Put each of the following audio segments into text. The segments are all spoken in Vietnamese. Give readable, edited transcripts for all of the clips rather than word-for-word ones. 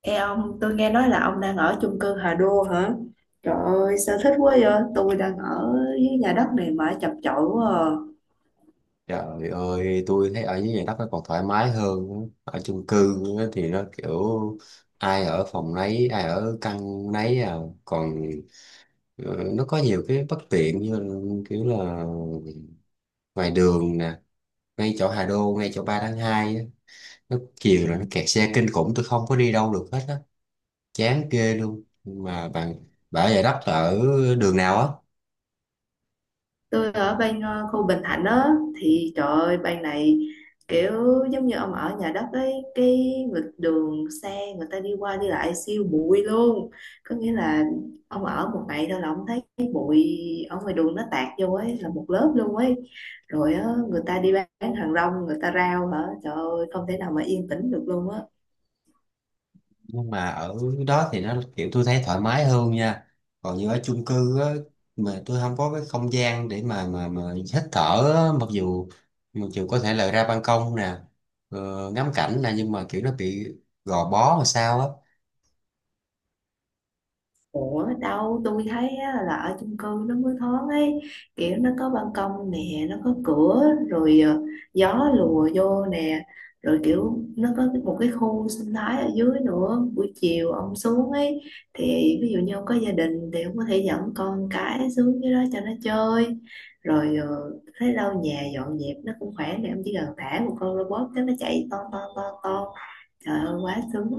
Ê ông, tôi nghe nói là ông đang ở chung cư Hà Đô hả? Trời ơi, sao thích quá vậy? Tôi đang ở dưới nhà đất này mà chập chội quá à. Trời ơi, tôi thấy ở dưới nhà đất nó còn thoải mái hơn. Á. Ở chung cư á thì nó kiểu ai ở phòng nấy, ai ở căn nấy à. Còn nó có nhiều cái bất tiện như là, kiểu là ngoài đường nè, ngay chỗ Hà Đô, ngay chỗ 3 tháng 2 á. Nó chiều Ừ. là nó kẹt xe kinh khủng, tôi không có đi đâu được hết á. Chán ghê luôn. Nhưng mà bạn ở nhà đất là ở đường nào á? Tôi ở bên khu Bình Thạnh á, thì trời ơi bên này kiểu giống như ông ở nhà đất ấy, cái vực đường xe người ta đi qua đi lại siêu bụi luôn, có nghĩa là ông ở một ngày thôi là ông thấy cái bụi ở ngoài đường nó tạt vô ấy là một lớp luôn ấy. Rồi á, người ta đi bán hàng rong người ta rao, hả trời ơi, không thể nào mà yên tĩnh được luôn á. Nhưng mà ở đó thì nó kiểu tôi thấy thoải mái hơn nha. Còn như ở chung cư á mà tôi không có cái không gian để mà hít thở á, mặc dù có thể là ra ban công nè, ngắm cảnh nè nhưng mà kiểu nó bị gò bó mà sao á. Ủa đâu tôi thấy á, là ở chung cư nó mới thoáng ấy, kiểu nó có ban công nè, nó có cửa rồi, gió lùa vô nè, rồi kiểu nó có một cái khu sinh thái ở dưới nữa, buổi chiều ông xuống ấy thì, ví dụ như ông có gia đình thì ông có thể dẫn con cái xuống dưới đó cho nó chơi. Rồi thấy đâu nhà dọn dẹp nó cũng khỏe nè, ông chỉ cần thả một con robot cái nó chạy ton ton ton ton. Trời ơi quá sướng.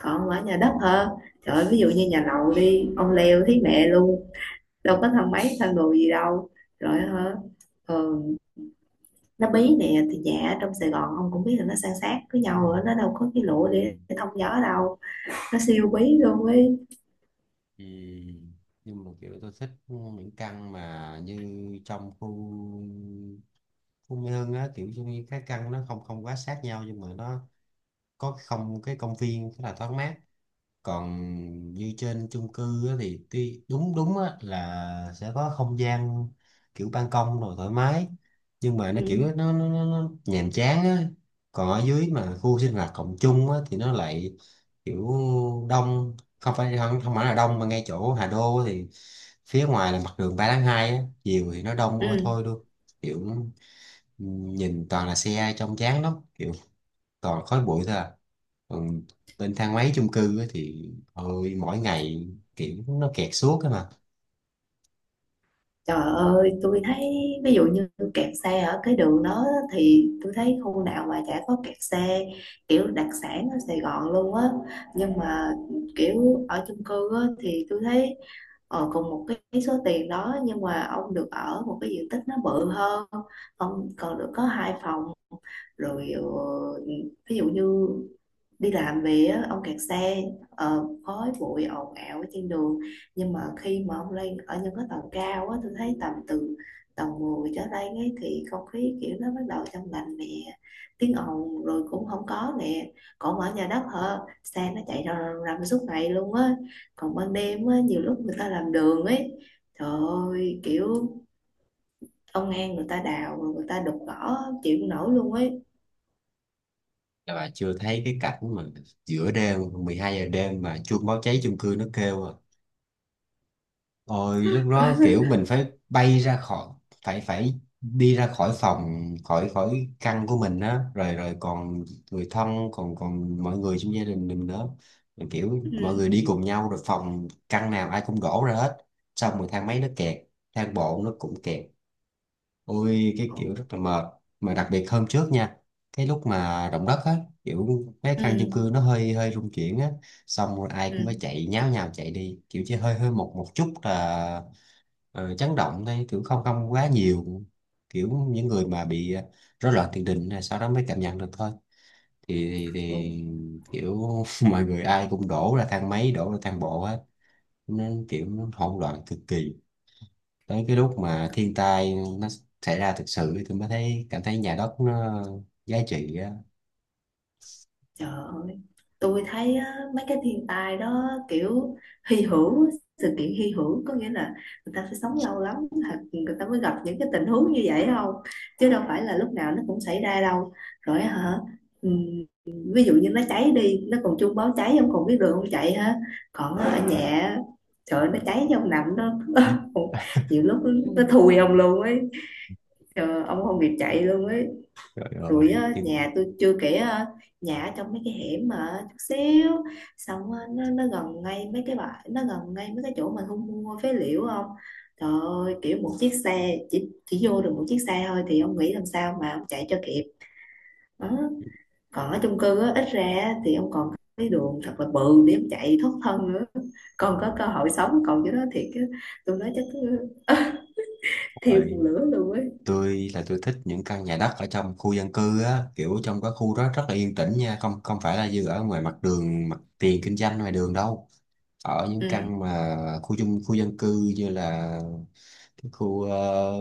Còn ở nhà đất hả? Trời ơi, ví dụ như nhà lầu đi, ông leo thấy mẹ luôn, đâu có thang máy thang đồ gì đâu. Rồi hả? ờ, Nó bí nè. Thì nhà ở trong Sài Gòn ông cũng biết là nó san sát với nhau rồi, nó đâu có cái lụa Ừ. để thông gió đâu. Nó siêu bí luôn ấy. Ừ. Nhưng mà kiểu tôi thích những căn mà như trong khu khu Mỹ Hưng á, kiểu như cái căn nó không không quá sát nhau nhưng mà nó có không cái công viên rất là thoáng mát. Còn như trên chung cư á, thì tuy đúng đúng á, là sẽ có không gian kiểu ban công rồi thoải mái, nhưng mà nó kiểu Ừ. nó nhàm chán á. Còn ở dưới mà khu sinh hoạt cộng chung á, thì nó lại kiểu đông, không phải không, không phải là đông, mà ngay chỗ Hà Đô á thì phía ngoài là mặt đường 3 tháng 2 á, chiều thì nó đông ôi Ừ. thôi luôn, kiểu nhìn toàn là xe trông chán lắm, kiểu toàn khói bụi thôi à. Còn bên thang máy chung cư á thì ôi mỗi ngày kiểu nó kẹt suốt á mà. Trời ơi, tôi thấy, ví dụ như kẹt xe ở cái đường đó, thì tôi thấy khu nào mà chả có kẹt xe, kiểu đặc sản ở Sài Gòn luôn á. Nhưng mà kiểu ở chung cư á, thì tôi thấy cùng một cái số tiền đó nhưng mà ông được ở một cái diện tích nó bự hơn, ông còn được có hai phòng. Rồi ví dụ như đi làm về á, ông kẹt xe, khói bụi ồn ào ở trên đường, nhưng mà khi mà ông lên ở những cái tầng cao á, tôi thấy tầm từ tầng 10 trở lên ấy thì không khí kiểu nó bắt đầu trong lành nè, tiếng ồn rồi cũng không có nè. Còn ở nhà đất hả, xe nó chạy rầm rầm rầm suốt ngày luôn á. Còn ban đêm á, nhiều lúc người ta làm đường ấy, trời ơi kiểu ông An người ta đào rồi người ta đục gõ, chịu không nổi luôn ấy. Các bà chưa thấy cái cảnh mà giữa đêm 12 giờ đêm mà chuông báo cháy chung cư nó kêu à. Ôi lúc đó kiểu mình phải bay ra khỏi, phải phải đi ra khỏi phòng, khỏi khỏi căn của mình á, rồi rồi còn người thân, còn còn mọi người trong gia đình mình nữa. Rồi kiểu Ừ. mọi người đi cùng nhau rồi phòng căn nào ai cũng đổ ra hết, xong rồi thang máy nó kẹt, thang bộ nó cũng kẹt. Ôi cái kiểu rất là mệt, mà đặc biệt hôm trước nha, cái lúc mà động đất á, kiểu mấy căn chung Ừ. cư nó hơi hơi rung chuyển á. Xong rồi ai cũng phải chạy nháo nhào chạy đi, kiểu chỉ hơi hơi một một chút là chấn động thôi, kiểu không không quá nhiều, kiểu những người mà bị rối loạn tiền đình là sau đó mới cảm nhận được thôi. thì, thì, Ừ. thì kiểu mọi người ai cũng đổ ra thang máy, đổ ra thang bộ á, nên kiểu hỗn loạn cực kỳ. Tới cái lúc mà thiên tai nó xảy ra thực sự tôi mới thấy, cảm thấy nhà đất nó giá trị á. Trời ơi, tôi thấy á, mấy cái thiên tai đó kiểu hy hữu, sự kiện hy hữu, có nghĩa là người ta phải sống lâu lắm thật người ta mới gặp những cái tình huống như vậy không? Chứ đâu phải là lúc nào nó cũng xảy ra đâu. Rồi hả? ừm, Ví dụ như nó cháy đi, nó còn chuông báo cháy không còn biết đường không chạy hả? Còn ở nhà, trời ơi, nó cháy trong nằm đó. Nhiều lúc Ừ. nó thùi ông luôn ấy, trời ơi, ông không kịp chạy luôn ấy. Trời Rồi ơi. Nhưng nhà tôi chưa kể, nhà ở trong mấy cái hẻm mà chút xíu, xong nó gần ngay mấy cái bãi, nó gần ngay mấy cái chỗ mình thu mua phế liệu không, trời ơi kiểu một chiếc xe chỉ vô được một chiếc xe thôi, thì ông nghĩ làm sao mà ông chạy cho kịp. Đó, còn ở chung cư á, ít ra á, thì ông còn cái đường thật là bự để ông chạy thoát thân nữa, còn có cơ hội sống. Còn cái đó thiệt á, tôi nói chắc thiêu rồi cùng lửa luôn ấy. tôi là tôi thích những căn nhà đất ở trong khu dân cư á, kiểu trong cái khu đó rất là yên tĩnh nha, không không phải là như ở ngoài mặt đường mặt tiền kinh doanh ngoài đường đâu. Ở những Ừ. căn mà khu dân cư như là cái khu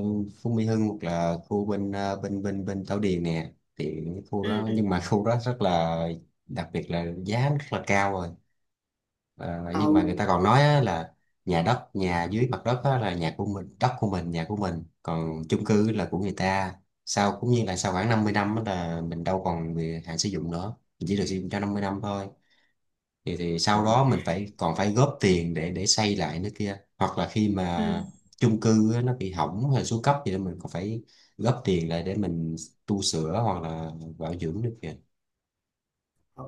Phú Mỹ Hưng hoặc là khu bên bên Thảo Điền nè, thì cái khu Ừ. đó, nhưng mà khu đó rất là, đặc biệt là giá rất là cao rồi. Ờ, nhưng Ừ. mà người ta còn nói á, là nhà đất, nhà dưới mặt đất á, là nhà của mình, đất của mình, nhà của mình, còn chung cư là của người ta. Sau cũng như là sau khoảng 50 năm á là mình đâu còn bị hạn sử dụng nữa, mình chỉ được sử dụng cho 50 năm thôi, thì sau đó mình phải còn phải góp tiền để xây lại nữa kia, hoặc là khi mà Ừ. chung cư á, nó bị hỏng hay xuống cấp gì đó mình còn phải góp tiền lại để mình tu sửa hoặc là bảo dưỡng nữa kìa. Ừ.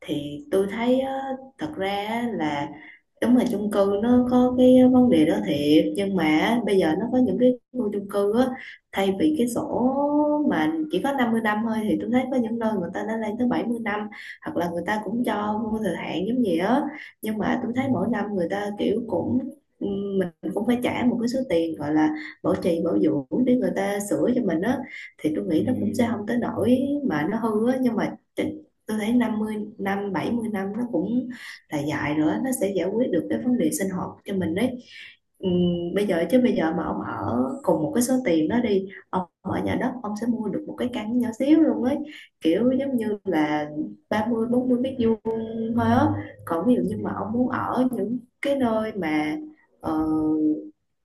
Thì tôi thấy á, thật ra á là đúng là chung cư nó có cái vấn đề đó thiệt, nhưng mà á, bây giờ nó có những cái khu chung cư á, thay vì cái sổ mà chỉ có 50 năm thôi, thì tôi thấy có những nơi người ta đã lên tới 70 năm, hoặc là người ta cũng cho vô thời hạn giống gì á. Nhưng mà tôi Ừ. thấy mỗi năm người ta kiểu cũng, mình cũng phải trả một cái số tiền gọi là bảo trì bảo dưỡng để người ta sửa cho mình á, thì tôi nghĩ Ừ. nó cũng sẽ không tới nỗi mà nó hư á. Nhưng mà tôi thấy 50 năm 70 năm nó cũng là dài nữa, nó sẽ giải quyết được cái vấn đề sinh hoạt cho mình đấy. Bây giờ chứ bây giờ mà ông ở cùng một cái số tiền đó đi, ông ở nhà đất ông sẽ mua được một cái căn nhỏ xíu luôn ấy, kiểu giống như là 30 40 mét vuông thôi á. Còn ví dụ như Ừ. mà ông muốn ở những cái nơi mà ờ,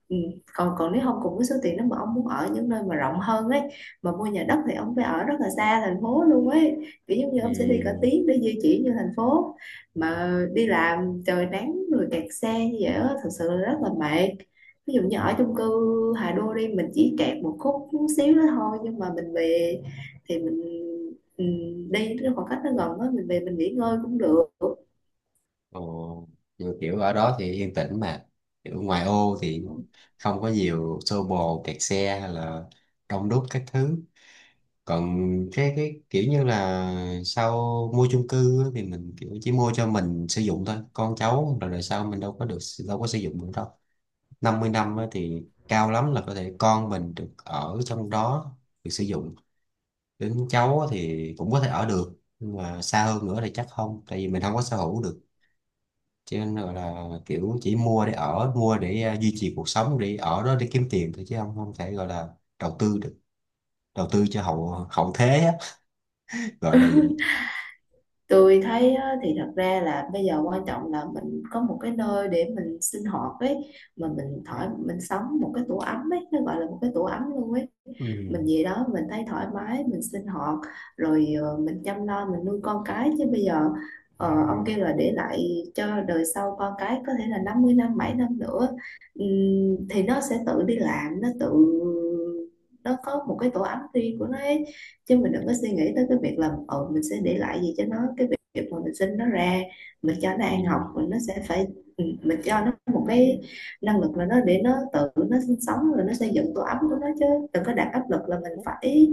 Ừ. Còn còn nếu không cùng cái số tiền đó mà ông muốn ở những nơi mà rộng hơn ấy, mà mua nhà đất thì ông phải ở rất là xa thành phố luôn ấy, kiểu giống như ông sẽ đi cả Ừ. tiếng để di chuyển như thành phố, mà đi làm trời nắng rồi kẹt xe như vậy đó, thật sự là rất là mệt. Ví dụ như ở chung cư Hà Đô đi, mình chỉ kẹt một khúc chút xíu đó thôi, nhưng mà mình về thì mình, ừ, đi nó khoảng cách nó gần đó, mình về mình nghỉ ngơi cũng được. Ồ. Rồi kiểu ở đó thì yên tĩnh mà, kiểu ngoài ô thì không có nhiều xô bồ, kẹt xe hay là đông đúc các thứ. Còn cái kiểu như là sau mua chung cư á, thì mình kiểu chỉ mua cho mình sử dụng thôi, con cháu rồi đời sau mình đâu có được, đâu có sử dụng được đâu. 50 năm á, thì cao lắm là có thể con mình được ở trong đó, được sử dụng, đến cháu á thì cũng có thể ở được, nhưng mà xa hơn nữa thì chắc không, tại vì mình không có sở hữu được, cho nên gọi là kiểu chỉ mua để ở, mua để duy trì cuộc sống, để ở đó để kiếm tiền thôi chứ không không thể gọi là đầu tư được, đầu tư cho hậu hậu thế á, gọi là vậy. Tôi thấy á, thì thật ra là bây giờ quan trọng là mình có một cái nơi để mình sinh hoạt ấy, mà mình thoải mình sống một cái tổ ấm ấy, nó gọi là một cái tổ ấm luôn ấy. Ừ. Mình về đó mình thấy thoải mái mình sinh hoạt. Rồi mình chăm lo mình nuôi con cái, chứ bây giờ ông kêu là để lại cho đời sau con cái có thể là 50 năm 7 năm nữa. Ừm, thì nó sẽ tự đi làm, nó tự nó có một cái tổ ấm riêng của nó ấy. Chứ mình đừng có suy nghĩ tới cái việc là ờ mình sẽ để lại gì cho nó, cái việc mà mình sinh nó ra, mình cho nó ăn học Ừ. mình nó sẽ phải, mình cho nó một cái năng lực là nó để nó tự nó sinh sống rồi nó xây dựng tổ ấm của nó, chứ đừng có đặt áp lực là mình phải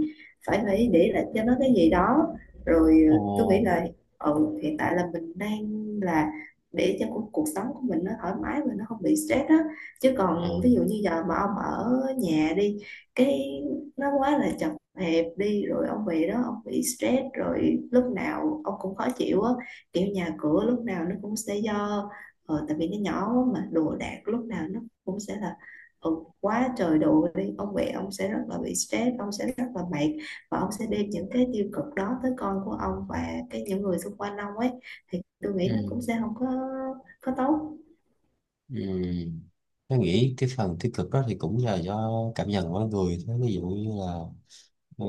phải phải để lại cho nó cái gì đó. Rồi Ồ. Tôi nghĩ là, hiện tại là mình đang là, để cho cuộc sống của mình nó thoải mái và nó không bị stress á. Chứ Ờ. còn ví dụ như giờ mà ông ở nhà đi, cái nó quá là chật hẹp đi, rồi ông về đó ông bị stress rồi lúc nào ông cũng khó chịu á, kiểu nhà cửa lúc nào nó cũng sẽ do tại vì nó nhỏ mà đồ đạc lúc nào nó cũng sẽ là, ừ, quá trời đồ đi ông mẹ ông sẽ rất là bị stress, ông sẽ rất là mệt, và ông sẽ đem những cái tiêu cực đó tới con của ông và cái những người xung quanh ông ấy, thì tôi Ừ. nghĩ nó cũng sẽ không có tốt. Ừ. Tôi nghĩ cái phần tích cực đó thì cũng là do cảm nhận của mỗi người thôi, ví dụ như là ờ,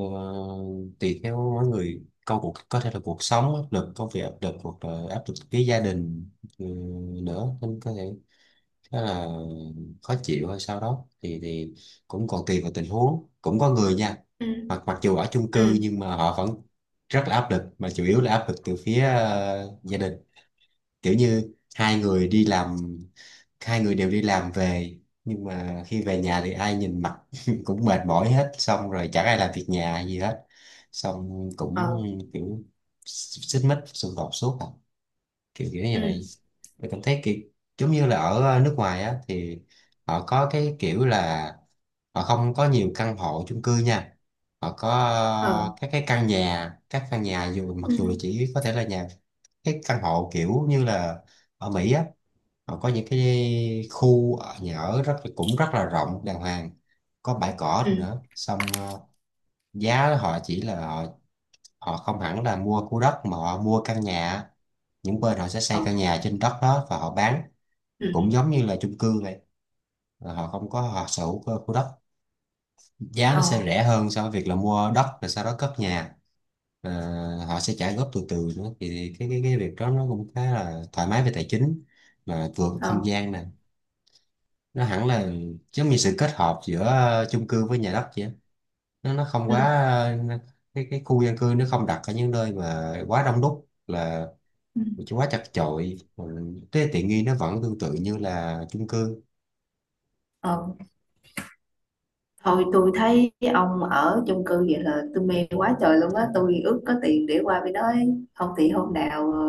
tùy theo mỗi người, cuộc có thể là cuộc sống áp lực, công việc áp lực, hoặc là áp lực với gia đình, ừ, nữa, nên có thể khá là khó chịu hay sau đó thì cũng còn tùy vào tình huống, cũng có người nha, Ừ. mặc mặc dù ở chung cư Ừ. nhưng mà họ vẫn rất là áp lực, mà chủ yếu là áp lực từ phía gia đình. Kiểu như hai người đều đi làm về, nhưng mà khi về nhà thì ai nhìn mặt cũng mệt mỏi hết, xong rồi chẳng ai làm việc nhà gì hết, xong cũng Ờ. kiểu xích mích xung đột suốt à, kiểu kiểu như Ừ. vậy. Mình cảm thấy kiểu giống như là ở nước ngoài á thì họ có cái kiểu là họ không có nhiều căn hộ chung cư nha. Họ có Ờ. Các căn nhà, mặc dù là Ừ. chỉ có thể là nhà, cái căn hộ kiểu như là ở Mỹ á, họ có những cái nhà ở rất, cũng rất là rộng đàng hoàng, có bãi Ừ. cỏ nữa, xong giá họ chỉ là họ, không hẳn là mua khu đất mà họ mua căn nhà, những bên họ sẽ Ờ. xây căn nhà trên đất đó và họ bán, Ừ. cũng giống như là chung cư vậy, là họ không có, họ sở hữu cơ khu đất, giá nó Ờ. sẽ rẻ hơn so với việc là mua đất rồi sau đó cất nhà. Ờ, họ sẽ trả góp từ từ nữa, thì cái việc đó nó cũng khá là thoải mái về tài chính mà vừa có không Ờ. gian nè, nó hẳn là giống như sự kết hợp giữa chung cư với nhà đất vậy á, nó không quá Ừ. ờ, cái khu dân cư nó không đặt ở những nơi mà quá đông đúc, là Ừ, chứ quá chật chội. Ừ, cái tiện nghi nó vẫn tương tự như là chung cư. ờ. Thôi tôi thấy ông ở chung cư vậy là tôi mê quá trời luôn á. Tôi ước có tiền để qua bên đó ấy. Không thì hôm nào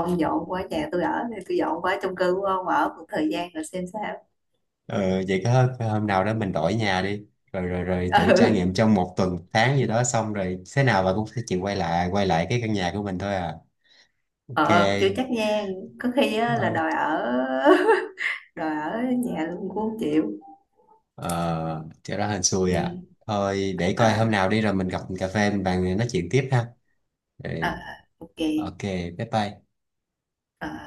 ông dọn qua nhà tôi ở, thì tôi dọn qua chung cư của ông ở một thời gian rồi xem sao. Ờ, vậy cái hôm nào đó mình đổi nhà đi, rồi rồi rồi thử trải nghiệm trong một tuần, tháng gì đó, xong rồi thế nào bà cũng sẽ chịu quay lại cái căn nhà của mình thôi à. Ừ, Ok ờ, chưa chắc nha. Có khi á, là rồi. đòi ở đòi ở nhà luôn cũng không chịu. Ờ thì đó hên xui Ừ. à. Thôi để coi hôm À. nào đi rồi mình gặp cà phê mình bàn nói chuyện tiếp ha. Ừ, À. Ok. ok, bye bye. À.